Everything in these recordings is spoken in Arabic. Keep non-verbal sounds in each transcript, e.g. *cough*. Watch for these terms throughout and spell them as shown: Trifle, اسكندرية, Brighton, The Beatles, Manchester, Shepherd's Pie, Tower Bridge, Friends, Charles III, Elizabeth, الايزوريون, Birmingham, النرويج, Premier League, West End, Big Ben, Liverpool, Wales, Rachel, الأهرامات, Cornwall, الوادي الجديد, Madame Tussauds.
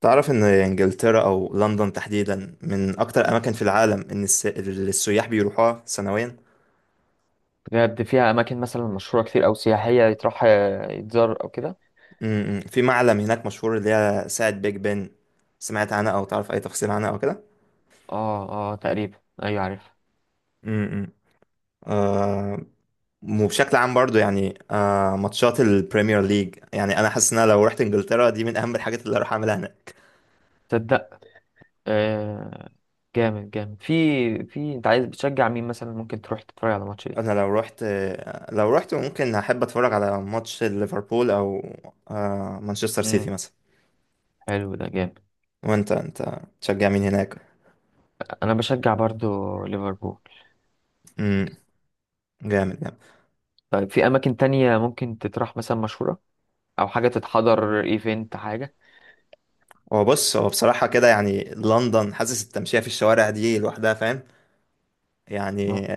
تعرف ان انجلترا او لندن تحديدا من اكتر الاماكن في العالم، اللي السياح بيروحوها سنويا. بجد فيها اماكن مثلا مشهوره كتير او سياحيه يتروح، يتزار او كده. م- م. في معلم هناك مشهور اللي هي ساعة بيج بن. سمعت عنها او تعرف اي تفاصيل عنها او كده؟ اه، اه، تقريبا. ايوه، عارف. امم. آه. وبشكل عام برضو يعني ماتشات البريمير ليج، يعني انا حاسس ان انا لو رحت انجلترا دي من اهم الحاجات اللي هروح اعملها هناك. تصدق؟ آه، جامد جامد. في انت عايز بتشجع مين مثلا؟ ممكن تروح تتفرج على ماتش انا ايه؟ لو رحت آه، لو رحت ممكن احب اتفرج على ماتش ليفربول، او مانشستر سيتي امم مثلا. حلو، ده جامد. وانت تشجع مين هناك؟ انا بشجع برضو ليفربول. مم. جامد جامد. طيب، في اماكن تانية ممكن تتروح مثلا مشهوره، او حاجه تتحضر، ايفنت، حاجه؟ هو بصراحة كده يعني لندن، حاسس التمشية في الشوارع دي لوحدها، فاهم يعني.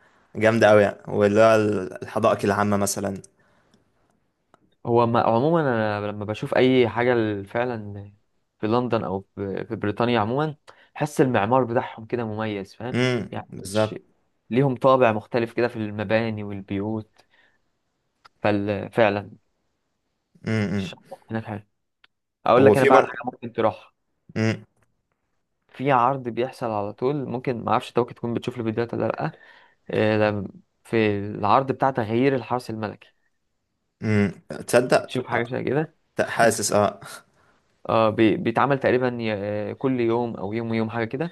*laughs* جامدة أوي يعني، واللي هو الحدائق العامة مثلا. هو ما عموما انا لما بشوف اي حاجه فعلا في لندن، او في بريطانيا عموما، بحس المعمار بتاعهم كده مميز، فاهم امم، يعني. بالظبط. ليهم طابع مختلف كده في المباني والبيوت، ففعلا امم. هناك حلو. اقول هو لك انا في بقى على حاجه ممكن تروح. امم، في عرض بيحصل على طول، ممكن ما اعرفش انت ممكن تكون بتشوف الفيديوهات ولا لا. آه، لم- في العرض بتاع تغيير الحرس الملكي، امم. تصدق. بتشوف حاجه شبه كده. حاسس، اه. اه، بيتعمل تقريبا كل يوم او يوم ويوم، حاجه كده.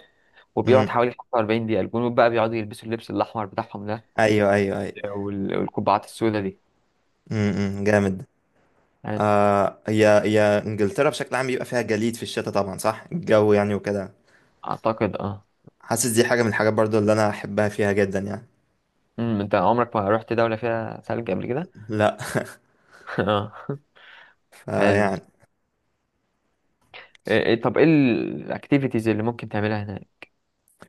وبيقعد امم. حوالي 45 دقيقة، الجنود بقى بيقعدوا يلبسوا اللبس الأحمر بتاعهم ده ايوه، ايوه، ايوه. والقبعات السوداء دي، امم، جامد. يعني. هي انجلترا بشكل عام بيبقى فيها جليد في الشتاء، طبعا، صح، الجو يعني وكده. أعتقد اه. حاسس دي حاجة من الحاجات برضو اللي انا احبها فيها جدا يعني. أمم، أنت عمرك ما رحت دولة فيها ثلج قبل كده؟ لا. *laughs* اه، حلو. فيعني إيه طب إيه الأكتيفيتيز اللي ممكن تعملها هناك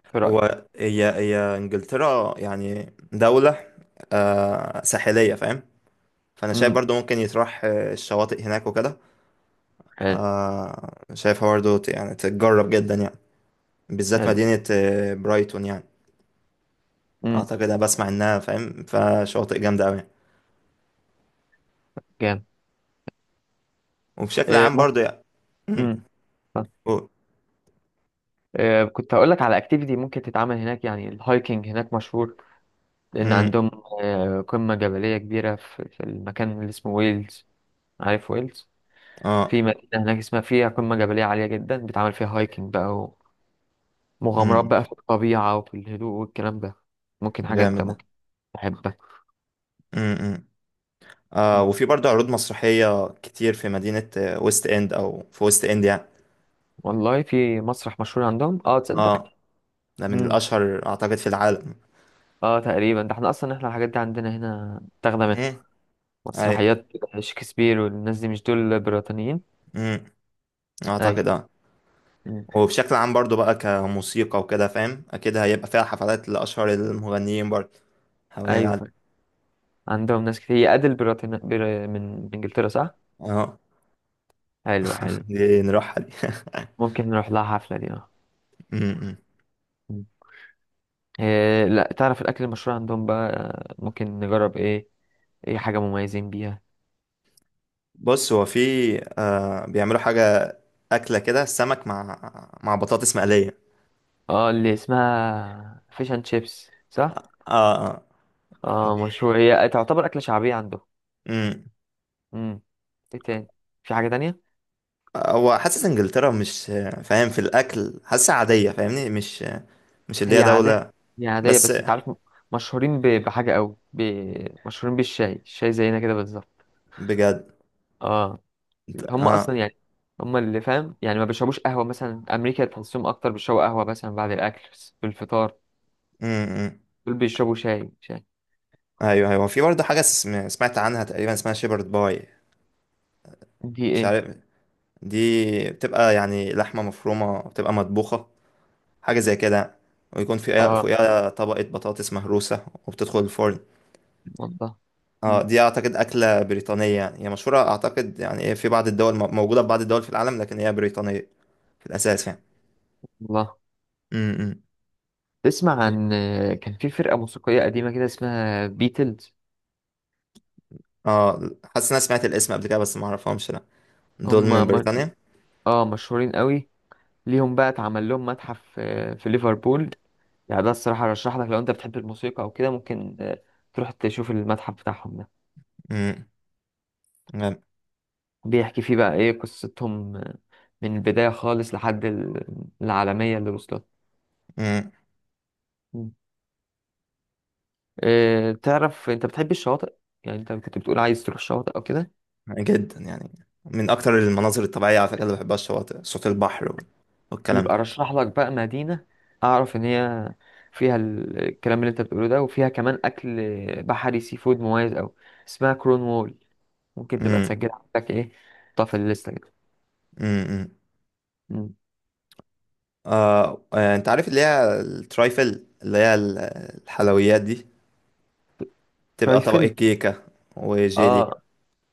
في رأيك؟ هو هي هي انجلترا يعني دولة، ساحلية، فاهم. فانا شايف أمم، برضو ممكن يتراح، الشواطئ هناك وكده. حلو شايفها برضو يعني تتجرب جدا يعني، بالذات حلو. مدينة برايتون يعني. أمم، اعتقد انا بسمع انها، فاهم، فشواطئ جامدة اوي. جامد. وبشكل إيه عام ممكن. برضو يعني. مم. أمم، آه، و- آه، كنت هقول لك على اكتيفيتي ممكن تتعمل هناك. يعني الهايكنج هناك مشهور، لأن مم. عندهم قمة جبلية كبيرة في المكان اللي اسمه ويلز. عارف ويلز؟ اه. في مدينة هناك اسمها فيها قمة جبلية عالية جدا، بيتعمل فيها هايكنج بقى، ومغامرات مم. بقى في الطبيعة وفي الهدوء والكلام ده. ممكن حاجة انت جامد ده. ممكن تحبها. مم. مم. مم. وفي برضو عروض مسرحية كتير في مدينة ويست اند، او في ويست اند يعني. والله في مسرح مشهور عندهم، اه، تصدق. اه، ده من مم. الاشهر اعتقد في العالم. اه، تقريبا ده احنا اصلا، احنا الحاجات دي عندنا هنا تاخدة منها. امم. اي. مسرحيات شكسبير والناس دي مش دول بريطانيين؟ امم. اعتقد اي. اه. مم. وبشكل عام برضو بقى كموسيقى وكده، فاهم، اكيد هيبقى فيها حفلات لاشهر المغنيين برضو حوالين ايوه، العالم. فعلا. عندهم ناس كتير، هي ادل بريطانيا من انجلترا، صح. اه. حلو *laughs* حلو. دي نروحها دي. ممكن نروح لها حفلة دي، اه. امم. *laughs* إيه، لا تعرف الاكل المشهور عندهم بقى؟ ممكن نجرب ايه؟ ايه حاجه مميزين بيها؟ بص، هو في، بيعملوا حاجة، أكلة كده، سمك مع بطاطس مقلية. اه، اللي اسمها فيش اند شيبس، صح. اه، اه. اه دي- مشهور، هي تعتبر اكله شعبيه عندهم. امم. امم. ايه تاني؟ في حاجه تانية؟ هو حاسس انجلترا، مش فاهم، في الاكل حاسسها عادية، فاهمني، مش اللي هي هي عاديه. دولة. هي عاديه بس. بس انت عارف، مشهورين بحاجه قوي، مشهورين بالشاي. الشاي زينا كده بالظبط. بجد. اه، هم اه. اصلا يعني، هم اللي فاهم، يعني ما بيشربوش قهوه مثلا. امريكا تحسهم اكتر بيشربوا قهوه مثلا بعد الاكل، بس في الفطار. امم. دول بيشربوا شاي شاي. ايوه، ايوه، في برضه حاجه سمعت عنها تقريبا اسمها شيبرد باي. دي مش ايه؟ عارف. دي بتبقى يعني لحمه مفرومه، بتبقى مطبوخه، حاجه زي كده، ويكون فيها اه. فوقيها طبقه بطاطس مهروسه وبتدخل الفرن. والله. اه، مم. دي اعتقد اكله بريطانيه يعني، هي مشهوره اعتقد يعني، إيه، في بعض الدول موجوده في بعض الدول في العالم، لكن هي بريطانيه في الاساس يعني. والله. امم. تسمع عن، كان في فرقة موسيقية قديمة كده اسمها بيتلز. اه، حاسس إن انا سمعت الاسم قبل كده بس ما اعرفهمش. لا، دول هم من م... بريطانيا. اه، مشهورين قوي. ليهم بقى اتعمل لهم متحف في ليفربول. يعني ده الصراحة رشح لك، لو انت بتحب الموسيقى او كده ممكن تروح تشوف المتحف بتاعهم ده. بيحكي فيه بقى ايه قصتهم من البداية خالص لحد العالمية اللي وصلت. امم. مم. تعرف انت بتحب الشواطئ، يعني انت كنت بتقول عايز تروح الشواطئ او كده. جدا يعني، من اكتر المناظر الطبيعيه على فكره اللي بحبها، الشواطئ، صوت البحر والكلام يبقى ده. رشح لك بقى مدينة اعرف ان هي فيها الكلام اللي انت بتقوله ده، وفيها كمان اكل بحري، سي فود مميز اوي، اسمها كرون وول. ممكن تبقى امم. تسجلها عندك، ايه، طف الليسته كده. امم. مم. انت عارف اللي هي الترايفل، اللي هي الحلويات دي، تبقى طبقة شايفل. كيكه اه وجيلي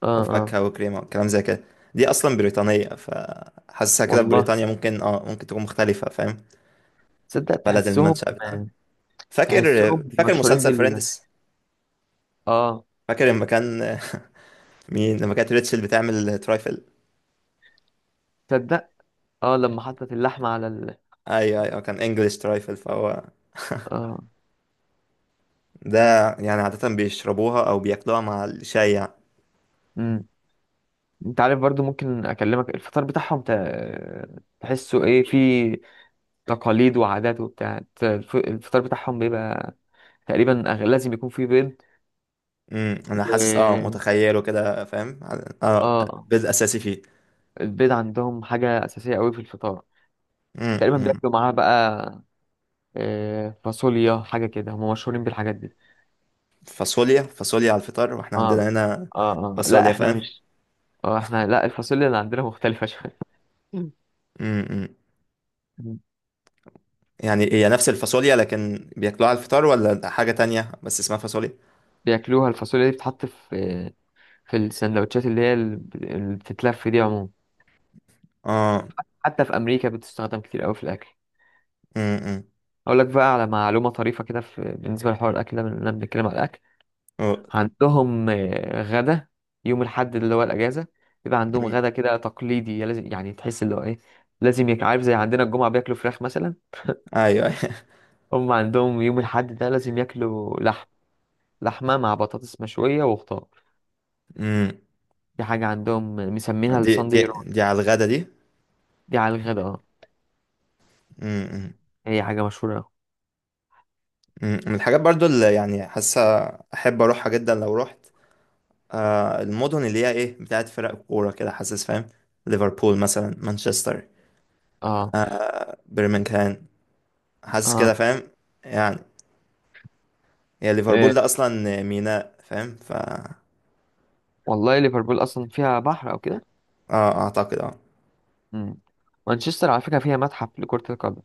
اه اه. وفاكهه وكريمه والكلام زي كده. دي اصلا بريطانيه فحاسسها كده، في والله. بريطانيا ممكن تكون مختلفه، فاهم. تصدق. بلد تحسهم، المنشأ بتاعها. فاكر. تحسهم فاكر مشهورين مسلسل بال، فريندز. اه، فاكر لما كان، *laughs* مين لما كانت ريتشل بتعمل ترايفل. تصدق. اه لما حطت اللحمة على ال، ايوه، ايوه، كان انجلش ترايفل فهو اه. ده. يعني عادة بيشربوها او بياكلوها مع الشاي يعني. امم، انت عارف برضو ممكن اكلمك الفطار بتاعهم تحسه ايه، في تقاليد وعادات وبتاع الفطار بتاعهم، بيبقى تقريبا لازم يكون فيه بيض، امم. انا حاسس، اه و، متخيله كده فاهم. اه، اه. بدء اساسي فيه. البيض عندهم حاجة أساسية أوي في الفطار، امم، تقريبا أمم. بياكلوا معاها بقى فاصوليا، حاجة كده. هم مشهورين بالحاجات دي. فاصوليا؟ فاصوليا على الفطار واحنا عندنا اه هنا. اه. اه لا فاصوليا، احنا فاهم. مش، اه احنا لا، الفاصوليا اللي عندنا *laughs* مختلفة شوية. امم، أمم. مم. يعني هي نفس الفاصوليا لكن بياكلوها على الفطار، ولا حاجة تانية بس اسمها فاصوليا؟ بياكلوها الفاصوليا دي، بتتحط في السندوتشات اللي هي اللي بتتلف دي عموما. اه. حتى في أمريكا بتستخدم كتير أوي في الأكل. امم، أمم. اقول لك بقى على معلومه طريفه كده، في بالنسبه لحوار الاكل ده، بنتكلم على الاكل. أه. عندهم غدا يوم الاحد اللي هو الاجازه، بيبقى عندهم أمم. غدا كده تقليدي، لازم يعني تحس اللي هو ايه، لازم يك عارف زي عندنا الجمعه بياكلوا فراخ مثلا. ايوه. *laughs* أيوة. هم عندهم يوم الاحد ده لازم ياكلوا لحم، لحمه مع بطاطس مشويه وخضار. امم. دي حاجه عندهم مسمينها دي دي الساندي رول. دي على الغدا دي. دي على الغدا، اه. امم، أمم. هي حاجه مشهوره أوي. أمم. من الحاجات برضو اللي يعني حاسة احب اروحها جدا لو رحت، المدن اللي هي، ايه، بتاعت فرق كورة كده، حاسس فاهم. ليفربول مثلا، مانشستر، اه برمنغهام، حاسس كده اه. فاهم يعني. هي ليفربول إيه. ده اصلا ميناء، فاهم، ف اه. والله ليفربول اصلا فيها بحر او كده. اعتقد اه. مم. مانشستر على فكره فيها متحف لكره القدم.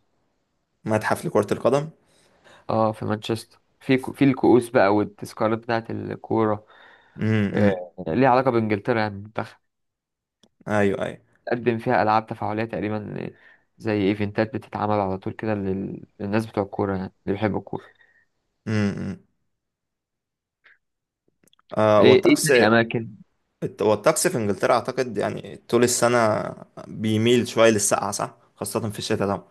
متحف لكرة القدم. اه، في مانشستر، في الكؤوس بقى والتذكارات بتاعت الكورة، امم. ليها علاقة بإنجلترا يعني، المنتخب. ايوه، ايوه. تقدم فيها ألعاب تفاعلية تقريبا، زي ايفنتات بتتعمل على طول كده للناس بتوع الكورة يعني، اللي بيحبوا الكورة. امم. ايه ايه والطقس، تاني أماكن؟ والطقس في انجلترا اعتقد يعني طول السنة بيميل شوية للسقعة، صح، خاصة في الشتاء طبعا.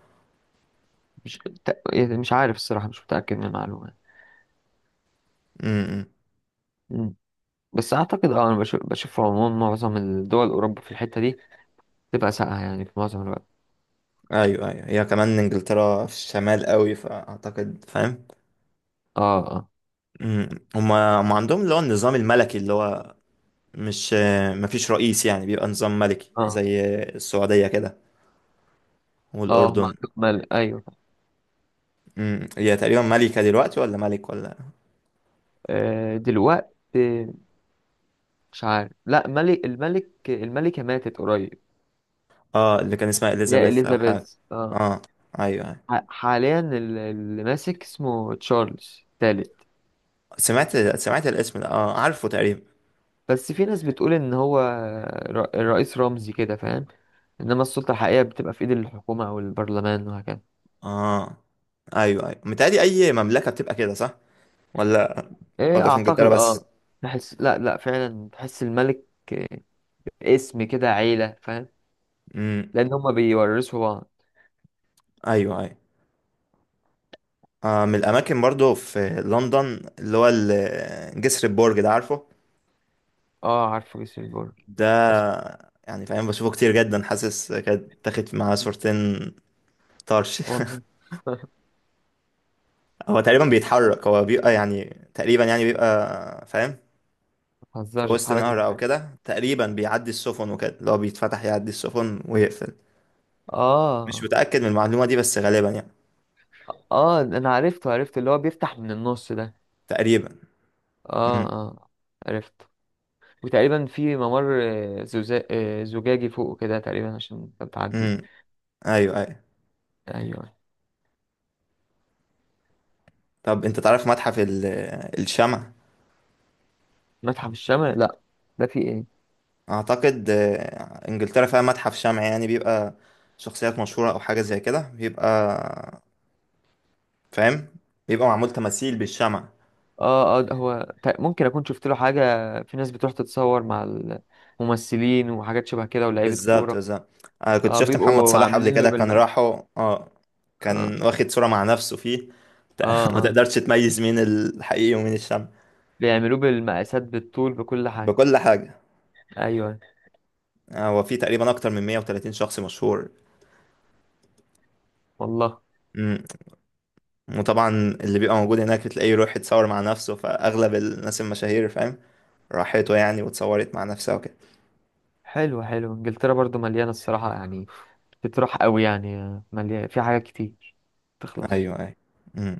مش يعني مش عارف الصراحة، مش متأكد من المعلومة يعني. امم. مم. بس أعتقد اه، أنا بشوف، في العموم معظم الدول أوروبا في الحتة دي تبقى ساقعة يعني في معظم الوقت. ايوه، ايوه، هي كمان انجلترا في الشمال قوي فاعتقد، فاهم. اه اه مم. هما عندهم اللي هو النظام الملكي، اللي هو، مش مفيش رئيس يعني، بيبقى نظام ملكي اه. زي السعودية كده، اه، ما والأردن. عندهم مال، أيوه. مم. هي تقريبا ملكة دلوقتي ولا ملك ولا؟ دلوقتي مش عارف، لا ملك، الملك، الملكة ماتت قريب. اه، اللي كان اسمها يا إليزابيث أو حاجة. إليزابيث، اه. اه. أيوه، أيوه. حاليا اللي ماسك اسمه تشارلز الثالث. سمعت الاسم ده اه، عارفه تقريبا. بس في ناس بتقول ان هو رئيس رمزي كده، فاهم، انما السلطة الحقيقية بتبقى في ايد الحكومة او البرلمان وهكذا. اه. أيوه، أيوه، متهيألي أي مملكة بتبقى كده صح، ولا ايه ولا في إنجلترا اعتقد بس؟ اه. تحس لا لا فعلا، تحس الملك اسم كده عيلة، فاهم، مم. لان هما بيورثوا بعض. أيوه، أيوه. من الأماكن برضو في لندن اللي هو، جسر البرج ده، عارفه؟ اه، عارفه جسر البرج، اسمه. ده يعني فاهم، بشوفه كتير جدا، حاسس كانت تاخد معاه صورتين طرش. *laughs* والله. *laughs* ما هو تقريبا بيتحرك، هو بيبقى يعني، تقريبا يعني بيبقى، فاهم. في بتهزرش، وسط بتحرك نهر او ازاي؟ كده تقريبا، بيعدي السفن وكده، لو بيتفتح يعدي السفن ويقفل. مش اه متأكد من المعلومة دي بس غالبا يعني. اه. انا عرفته، عرفت اللي هو بيفتح من النص ده. تقريبا. اه امم. اه. عرفت. وتقريبا في ممر زجاجي فوق كده، تقريبا عشان تعدي. امم. ايوه، ايوه. ايوه. طب انت تعرف متحف الشمع؟ متحف الشمع لا، ده في ايه؟ اعتقد انجلترا فيها متحف شمع، يعني بيبقى شخصيات مشهورة او حاجة زي كده، بيبقى فاهم، بيبقى معمول تماثيل بالشمع. اه اه. ده هو ممكن اكون شفت له حاجه، في ناس بتروح تتصور مع الممثلين وحاجات شبه كده ولاعيبه بالظبط، كوره. بالظبط. انا كنت اه شفت محمد بيبقوا صلاح قبل عاملين له كده، كان راحوا اه، اه كان واخد صورة مع نفسه فيه. اه. *laughs* ما اه تقدرش تميز مين الحقيقي ومين الشمع. بيعملوه بالمقاسات بالطول بكل حاجه. بكل حاجة. ايوه. هو في تقريبا أكتر من 130 شخص مشهور. والله. مم. وطبعا، اللي بيبقى موجود هناك بتلاقيه يروح يتصور مع نفسه، فأغلب الناس المشاهير، فاهم، راحته يعني واتصورت مع نفسها وكده. حلو حلو. انجلترا برضو مليانه الصراحه يعني، بتروح قوي يعني، مليان في حاجات كتير، تخلص. أيوه، أيوه. مم.